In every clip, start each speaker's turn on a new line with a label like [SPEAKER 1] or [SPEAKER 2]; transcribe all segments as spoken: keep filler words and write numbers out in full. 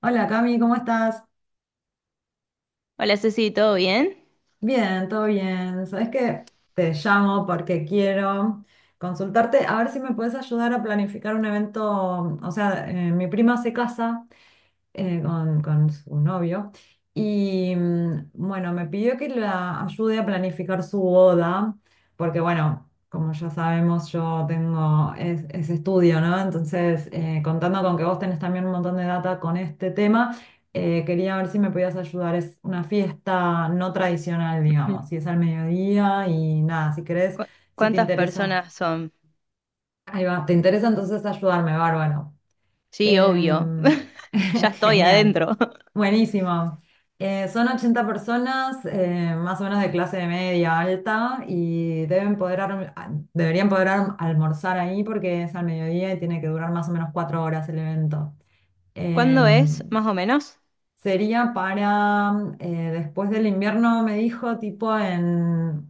[SPEAKER 1] Hola Cami, ¿cómo estás?
[SPEAKER 2] Hola Ceci, ¿todo bien?
[SPEAKER 1] Bien, todo bien. Sabes que te llamo porque quiero consultarte a ver si me puedes ayudar a planificar un evento. O sea, eh, mi prima se casa eh, con, con su novio. Y mm, bueno, me pidió que la ayude a planificar su boda, porque bueno, como ya sabemos, yo tengo es- ese estudio, ¿no? Entonces, eh, contando con que vos tenés también un montón de data con este tema, eh, quería ver si me podías ayudar. Es una fiesta no tradicional,
[SPEAKER 2] Ujú.
[SPEAKER 1] digamos, y es al mediodía y nada, si querés,
[SPEAKER 2] ¿Cu-
[SPEAKER 1] si te
[SPEAKER 2] ¿Cuántas
[SPEAKER 1] interesa.
[SPEAKER 2] personas son?
[SPEAKER 1] Ahí va, ¿te interesa entonces ayudarme, Bárbaro?
[SPEAKER 2] Sí, obvio.
[SPEAKER 1] Em,
[SPEAKER 2] Ya estoy
[SPEAKER 1] Genial,
[SPEAKER 2] adentro.
[SPEAKER 1] buenísimo. Eh, son ochenta personas, eh, más o menos de clase media alta, y deben poder arm- a- deberían poder arm- almorzar ahí porque es al mediodía y tiene que durar más o menos cuatro horas el evento.
[SPEAKER 2] ¿Cuándo es,
[SPEAKER 1] Em,
[SPEAKER 2] más o menos?
[SPEAKER 1] Sería para eh, después del invierno, me dijo, tipo en,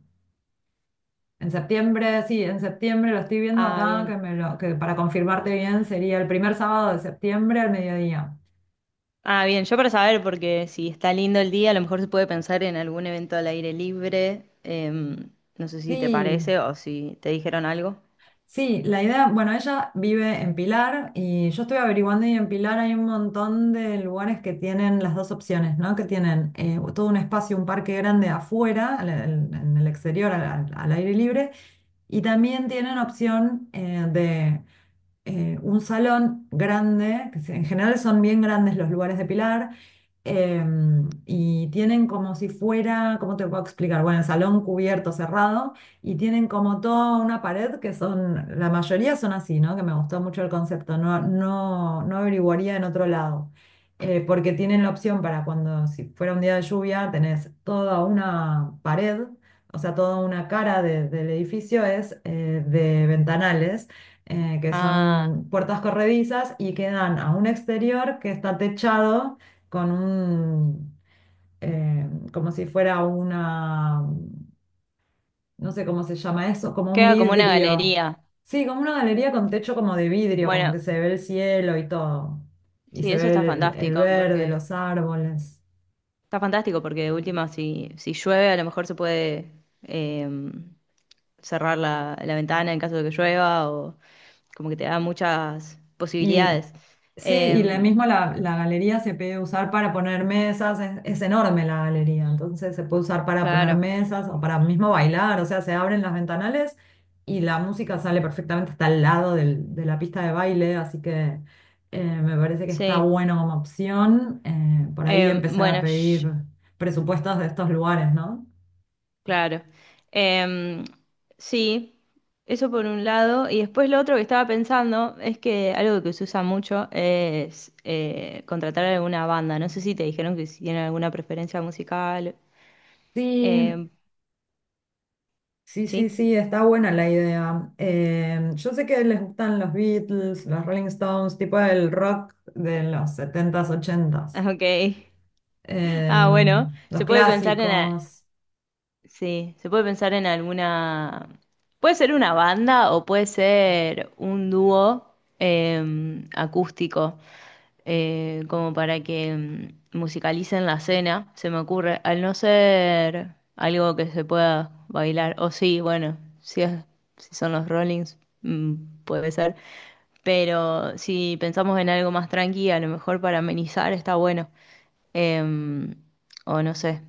[SPEAKER 1] en septiembre, sí, en septiembre, lo estoy viendo
[SPEAKER 2] Ah,
[SPEAKER 1] acá, que,
[SPEAKER 2] bien.
[SPEAKER 1] me lo- que para confirmarte bien sería el primer sábado de septiembre al mediodía.
[SPEAKER 2] Ah, bien, yo para saber, porque si está lindo el día, a lo mejor se puede pensar en algún evento al aire libre. Em, no sé si te
[SPEAKER 1] Sí,
[SPEAKER 2] parece o si te dijeron algo.
[SPEAKER 1] sí, la idea, bueno, ella vive en Pilar y yo estoy averiguando y en Pilar hay un montón de lugares que tienen las dos opciones, ¿no? Que tienen eh, todo un espacio, un parque grande afuera, al- al- en el exterior, al, al- al aire libre, y también tienen opción eh, eh, un salón grande, que se- en general son bien grandes los lugares de Pilar, em, y tienen como si fuera, ¿cómo te puedo explicar? Bueno, el salón cubierto, cerrado, y tienen como toda una pared que son, la mayoría son así, ¿no? Que me gustó mucho el concepto, no, no, no averiguaría en otro lado. Eh, porque tienen la opción para cuando, si fuera un día de lluvia, tenés toda una pared, o sea, toda una cara de- del edificio es eh, de ventanales eh, que
[SPEAKER 2] Ah,
[SPEAKER 1] son puertas corredizas y que dan a un exterior que está techado con un, eh, como si fuera una, no sé cómo se llama eso, como un
[SPEAKER 2] queda como una
[SPEAKER 1] vidrio.
[SPEAKER 2] galería.
[SPEAKER 1] Sí, como una galería con techo como de vidrio, como
[SPEAKER 2] Bueno,
[SPEAKER 1] que se ve el cielo y todo. Y
[SPEAKER 2] sí,
[SPEAKER 1] se
[SPEAKER 2] eso
[SPEAKER 1] ve
[SPEAKER 2] está
[SPEAKER 1] el, el
[SPEAKER 2] fantástico,
[SPEAKER 1] verde,
[SPEAKER 2] porque
[SPEAKER 1] los árboles.
[SPEAKER 2] está fantástico porque de última, si, si llueve, a lo mejor se puede eh, cerrar la, la ventana en caso de que llueva, o como que te da muchas
[SPEAKER 1] Y
[SPEAKER 2] posibilidades.
[SPEAKER 1] sí, y la
[SPEAKER 2] Em,
[SPEAKER 1] misma la, la galería se puede usar para poner mesas, es, es enorme la galería, entonces se puede usar para poner
[SPEAKER 2] claro,
[SPEAKER 1] mesas o para mismo bailar, o sea, se abren las ventanales y la música sale perfectamente hasta el lado del- de la pista de baile, así que eh, me parece que está
[SPEAKER 2] sí.
[SPEAKER 1] bueno como opción eh, por ahí
[SPEAKER 2] Em,
[SPEAKER 1] empezar a
[SPEAKER 2] bueno, sh-
[SPEAKER 1] pedir presupuestos de estos lugares, ¿no?
[SPEAKER 2] claro. Em, sí, eso por un lado. Y después lo otro que estaba pensando es que algo que se usa mucho es eh, contratar alguna banda. No sé si te dijeron que si tienen alguna preferencia musical.
[SPEAKER 1] Sí,
[SPEAKER 2] Em,
[SPEAKER 1] sí, sí,
[SPEAKER 2] sí,
[SPEAKER 1] sí, está buena la idea. Eh, yo sé que les gustan los Beatles, los Rolling Stones, tipo el rock de los setentas ochentas,
[SPEAKER 2] ok.
[SPEAKER 1] eh,
[SPEAKER 2] Ah, bueno,
[SPEAKER 1] los
[SPEAKER 2] se puede pensar en...
[SPEAKER 1] clásicos.
[SPEAKER 2] Sí, se puede pensar en alguna. Puede ser una banda o puede ser un dúo eh, acústico, eh, como para que mm, musicalicen la cena, se me ocurre. Al no ser algo que se pueda bailar, o sí, bueno, si es- si son los Rollings, mm, puede ser. Pero si pensamos en algo más tranqui, a lo mejor para amenizar está bueno. Em, o no sé.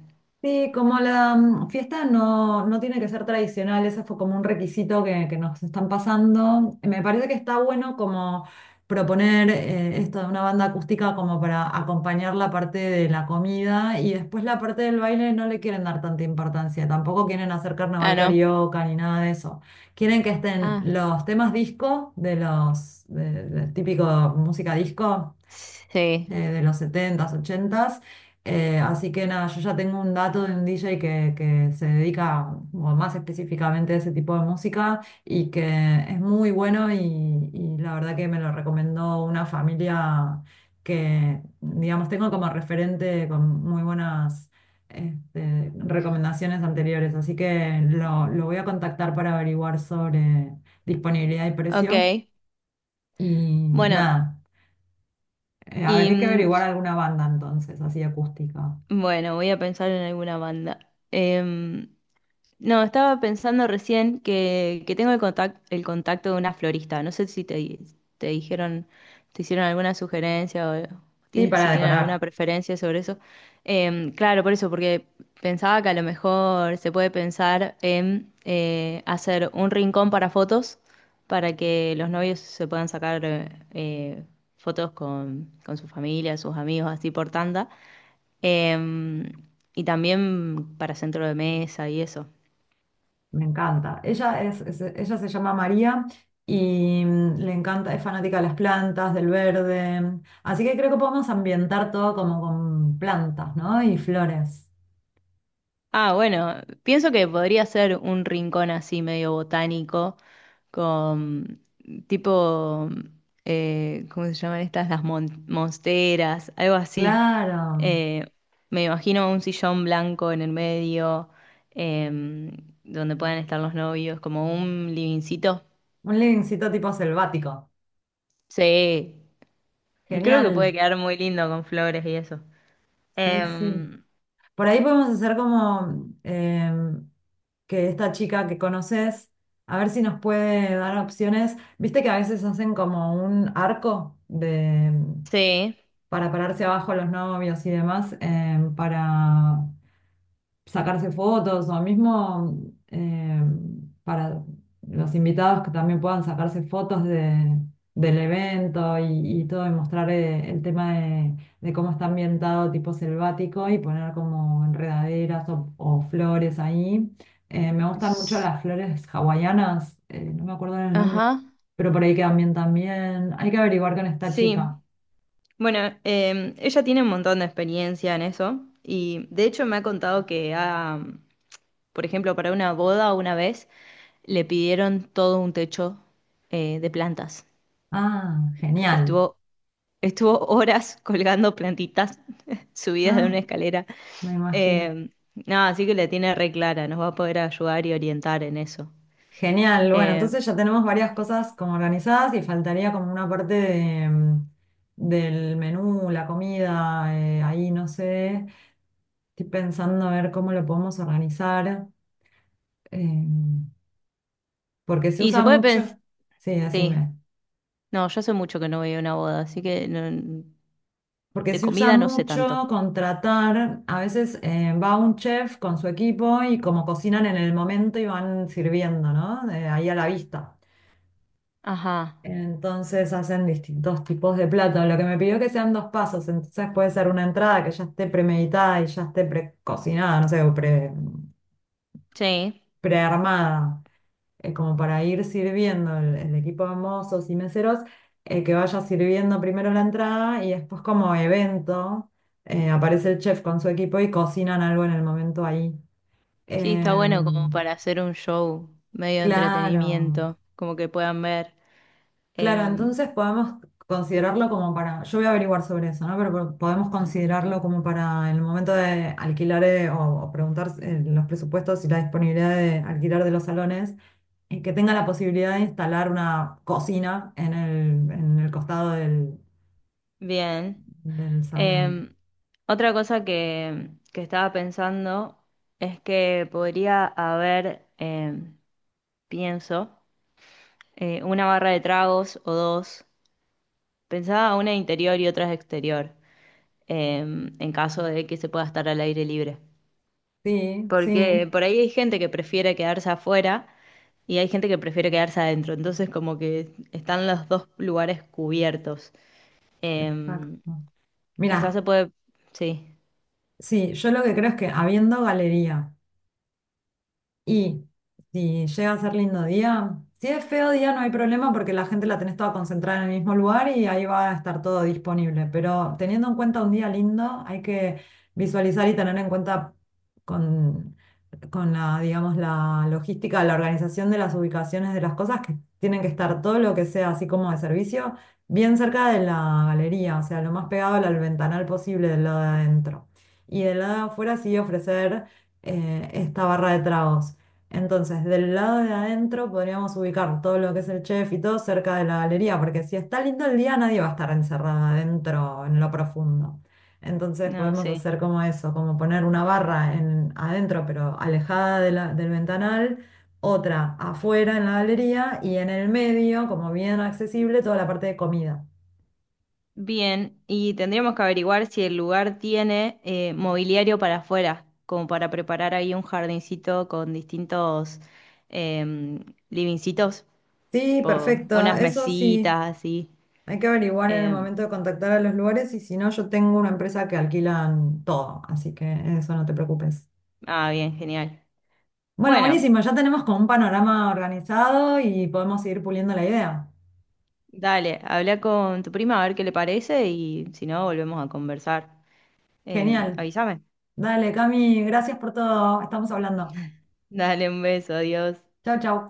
[SPEAKER 1] Sí, como la mm, fiesta no, no tiene que ser tradicional, ese fue como un requisito que, que nos están pasando. Me parece que está bueno como proponer eh, esto de una banda acústica como para acompañar la parte de la comida y después la parte del baile no le quieren dar tanta importancia, tampoco quieren hacer carnaval
[SPEAKER 2] Ah, no.
[SPEAKER 1] carioca ni nada de eso. Quieren que estén
[SPEAKER 2] Ah,
[SPEAKER 1] los temas disco de los de, de típico música disco
[SPEAKER 2] sí.
[SPEAKER 1] eh, de los setentas ochentas. Eh, así que nada, yo ya tengo un dato de un D J que, que se dedica como más específicamente a ese tipo de música y que es muy bueno y, y la verdad que me lo recomendó una familia que, digamos, tengo como referente con muy buenas este, recomendaciones anteriores. Así que lo, lo voy a contactar para averiguar sobre disponibilidad y
[SPEAKER 2] Ok,
[SPEAKER 1] precio. Y
[SPEAKER 2] bueno,
[SPEAKER 1] nada. Eh, a ver,
[SPEAKER 2] y
[SPEAKER 1] hay que
[SPEAKER 2] mm,
[SPEAKER 1] averiguar alguna banda entonces, así acústica.
[SPEAKER 2] bueno, voy a pensar en alguna banda. Em, No, estaba pensando recién que, que tengo el contacto, el contacto de una florista. No sé si te, di- Te dijeron, te hicieron alguna sugerencia o
[SPEAKER 1] Sí,
[SPEAKER 2] ti-
[SPEAKER 1] para
[SPEAKER 2] si tienen alguna
[SPEAKER 1] decorar.
[SPEAKER 2] preferencia sobre eso. Em, claro, por eso, porque pensaba que a lo mejor se puede pensar en eh, hacer un rincón para fotos para que los novios se puedan sacar eh, eh, fotos con, con su familia, sus amigos, así por tanda. Em, y también para centro de mesa y eso.
[SPEAKER 1] Me encanta. Ella es, es- ella se llama María y mm, le encanta, es fanática de las plantas, del verde. Así que creo que podemos ambientar todo como con plantas, ¿no? Y flores.
[SPEAKER 2] Ah, bueno, pienso que podría ser un rincón así medio botánico, con mm, tipo, mm, eh, ¿cómo se llaman estas? Las mon- monsteras, algo así.
[SPEAKER 1] Claro.
[SPEAKER 2] Eh, Me imagino un sillón blanco en el medio, em, donde puedan estar los novios, como un livincito.
[SPEAKER 1] Un livingcito tipo selvático.
[SPEAKER 2] Sí, creo que
[SPEAKER 1] Genial.
[SPEAKER 2] puede quedar muy lindo con flores y eso.
[SPEAKER 1] Sí, sí.
[SPEAKER 2] Em,
[SPEAKER 1] Por ahí podemos hacer como eh, que esta chica que conoces, a ver si nos puede dar opciones. Viste que a veces hacen como un arco de, em,
[SPEAKER 2] sí,
[SPEAKER 1] para pararse abajo los novios y demás, eh, para sacarse fotos o mismo eh, para los invitados que también puedan sacarse fotos de, del evento y, y todo, y mostrar eh, el tema de, de cómo está ambientado tipo selvático y poner como enredaderas o, o flores ahí. Eh, me gustan mucho
[SPEAKER 2] S-
[SPEAKER 1] las flores hawaianas, eh, no me acuerdo el nombre,
[SPEAKER 2] ajá,
[SPEAKER 1] pero por ahí quedan bien también. Hay que averiguar con esta
[SPEAKER 2] sí.
[SPEAKER 1] chica.
[SPEAKER 2] Bueno, em, ella tiene un montón de experiencia en eso y de hecho me ha contado que, ha, por ejemplo, para una boda una vez le pidieron todo un techo eh, de plantas.
[SPEAKER 1] Ah, genial.
[SPEAKER 2] Estuvo, estuvo horas colgando plantitas subidas de
[SPEAKER 1] Ah,
[SPEAKER 2] una escalera.
[SPEAKER 1] me imagino.
[SPEAKER 2] Em, no, así que le tiene re clara, nos va a poder ayudar y orientar en eso.
[SPEAKER 1] Genial, bueno,
[SPEAKER 2] Em,
[SPEAKER 1] entonces ya tenemos varias cosas como organizadas y faltaría como una parte de, mm, del menú, la comida, eh, ahí no sé, estoy pensando a ver cómo lo podemos organizar, eh, porque se
[SPEAKER 2] y
[SPEAKER 1] usa
[SPEAKER 2] se puede pensar,
[SPEAKER 1] mucho, sí,
[SPEAKER 2] sí,
[SPEAKER 1] decime,
[SPEAKER 2] no, yo hace mucho que no voy a una boda, así que no-
[SPEAKER 1] porque
[SPEAKER 2] de
[SPEAKER 1] se usa
[SPEAKER 2] comida no sé
[SPEAKER 1] mucho
[SPEAKER 2] tanto.
[SPEAKER 1] contratar, a veces eh, va un chef con su equipo y como cocinan en el momento y van sirviendo, ¿no? Eh, ahí a la vista.
[SPEAKER 2] Ajá,
[SPEAKER 1] Entonces hacen distintos tipos de platos. Lo que me pidió que sean dos pasos, entonces puede ser una entrada que ya esté premeditada y ya esté precocinada, no sé, o pre,
[SPEAKER 2] sí.
[SPEAKER 1] prearmada, eh, como para ir sirviendo el, el equipo de mozos y meseros, eh, que vaya sirviendo primero la entrada y después como evento eh, aparece el chef con su equipo y cocinan algo en el momento ahí.
[SPEAKER 2] Sí, está bueno como
[SPEAKER 1] Em,
[SPEAKER 2] para hacer un show medio de
[SPEAKER 1] claro.
[SPEAKER 2] entretenimiento, como que puedan ver.
[SPEAKER 1] Claro,
[SPEAKER 2] Em,
[SPEAKER 1] entonces podemos considerarlo como para, yo voy a averiguar sobre eso, ¿no? Pero po- podemos considerarlo como para el momento de alquilar eh, o, o preguntar eh, los presupuestos y la disponibilidad de alquilar de los salones, eh, que tenga la posibilidad de instalar una cocina en el, en el costado del,
[SPEAKER 2] bien.
[SPEAKER 1] del salón.
[SPEAKER 2] Em, Otra cosa que, que estaba pensando es que podría haber, em, pienso, eh, una barra de tragos o dos. Pensaba una interior y otra exterior, em, en caso de que se pueda estar al aire libre.
[SPEAKER 1] Sí, sí,
[SPEAKER 2] Porque por ahí hay gente que prefiere quedarse afuera y hay gente que prefiere quedarse adentro. Entonces, como que están los dos lugares cubiertos. Eh,
[SPEAKER 1] exacto.
[SPEAKER 2] Quizás
[SPEAKER 1] Mira,
[SPEAKER 2] se puede. Sí,
[SPEAKER 1] sí, yo lo que creo es que habiendo galería. Y si llega a ser lindo día, si es feo día no hay problema porque la gente la tenés toda concentrada en el mismo lugar y ahí va a estar todo disponible. Pero teniendo en cuenta un día lindo, hay que visualizar y tener en cuenta con, con la, digamos, la logística, la organización de las ubicaciones de las cosas que tienen que estar todo lo que sea así como de servicio, bien cerca de la galería, o sea, lo más pegado al ventanal posible del lado de adentro. Y del lado de afuera sí ofrecer eh, esta barra de tragos. Entonces, del lado de adentro podríamos ubicar todo lo que es el chef y todo cerca de la galería, porque si está lindo el día, nadie va a estar encerrado adentro en lo profundo. Entonces
[SPEAKER 2] no,
[SPEAKER 1] podemos
[SPEAKER 2] sí.
[SPEAKER 1] hacer como eso, como poner una barra en, adentro, pero alejada de la- del ventanal, otra afuera en la galería y en el medio, como bien accesible, toda la parte de comida.
[SPEAKER 2] Bien, y tendríamos que averiguar si el lugar tiene eh, mobiliario para afuera, como para preparar ahí un jardincito con distintos eh, livingcitos,
[SPEAKER 1] Sí,
[SPEAKER 2] tipo
[SPEAKER 1] perfecto.
[SPEAKER 2] unas
[SPEAKER 1] Eso sí,
[SPEAKER 2] mesitas así.
[SPEAKER 1] hay que averiguar en el
[SPEAKER 2] Eh,
[SPEAKER 1] momento de contactar a los lugares y si no, yo tengo una empresa que alquilan todo, así que eso no te preocupes.
[SPEAKER 2] ah, bien, genial.
[SPEAKER 1] Bueno,
[SPEAKER 2] Bueno.
[SPEAKER 1] buenísimo, ya tenemos como un panorama organizado y podemos seguir puliendo la idea.
[SPEAKER 2] Dale, habla con tu prima a ver qué le parece y si no, volvemos a conversar. Eh,
[SPEAKER 1] Genial.
[SPEAKER 2] avísame.
[SPEAKER 1] Dale, Cami, gracias por todo. Estamos hablando.
[SPEAKER 2] Dale un beso, adiós.
[SPEAKER 1] Chau, chau.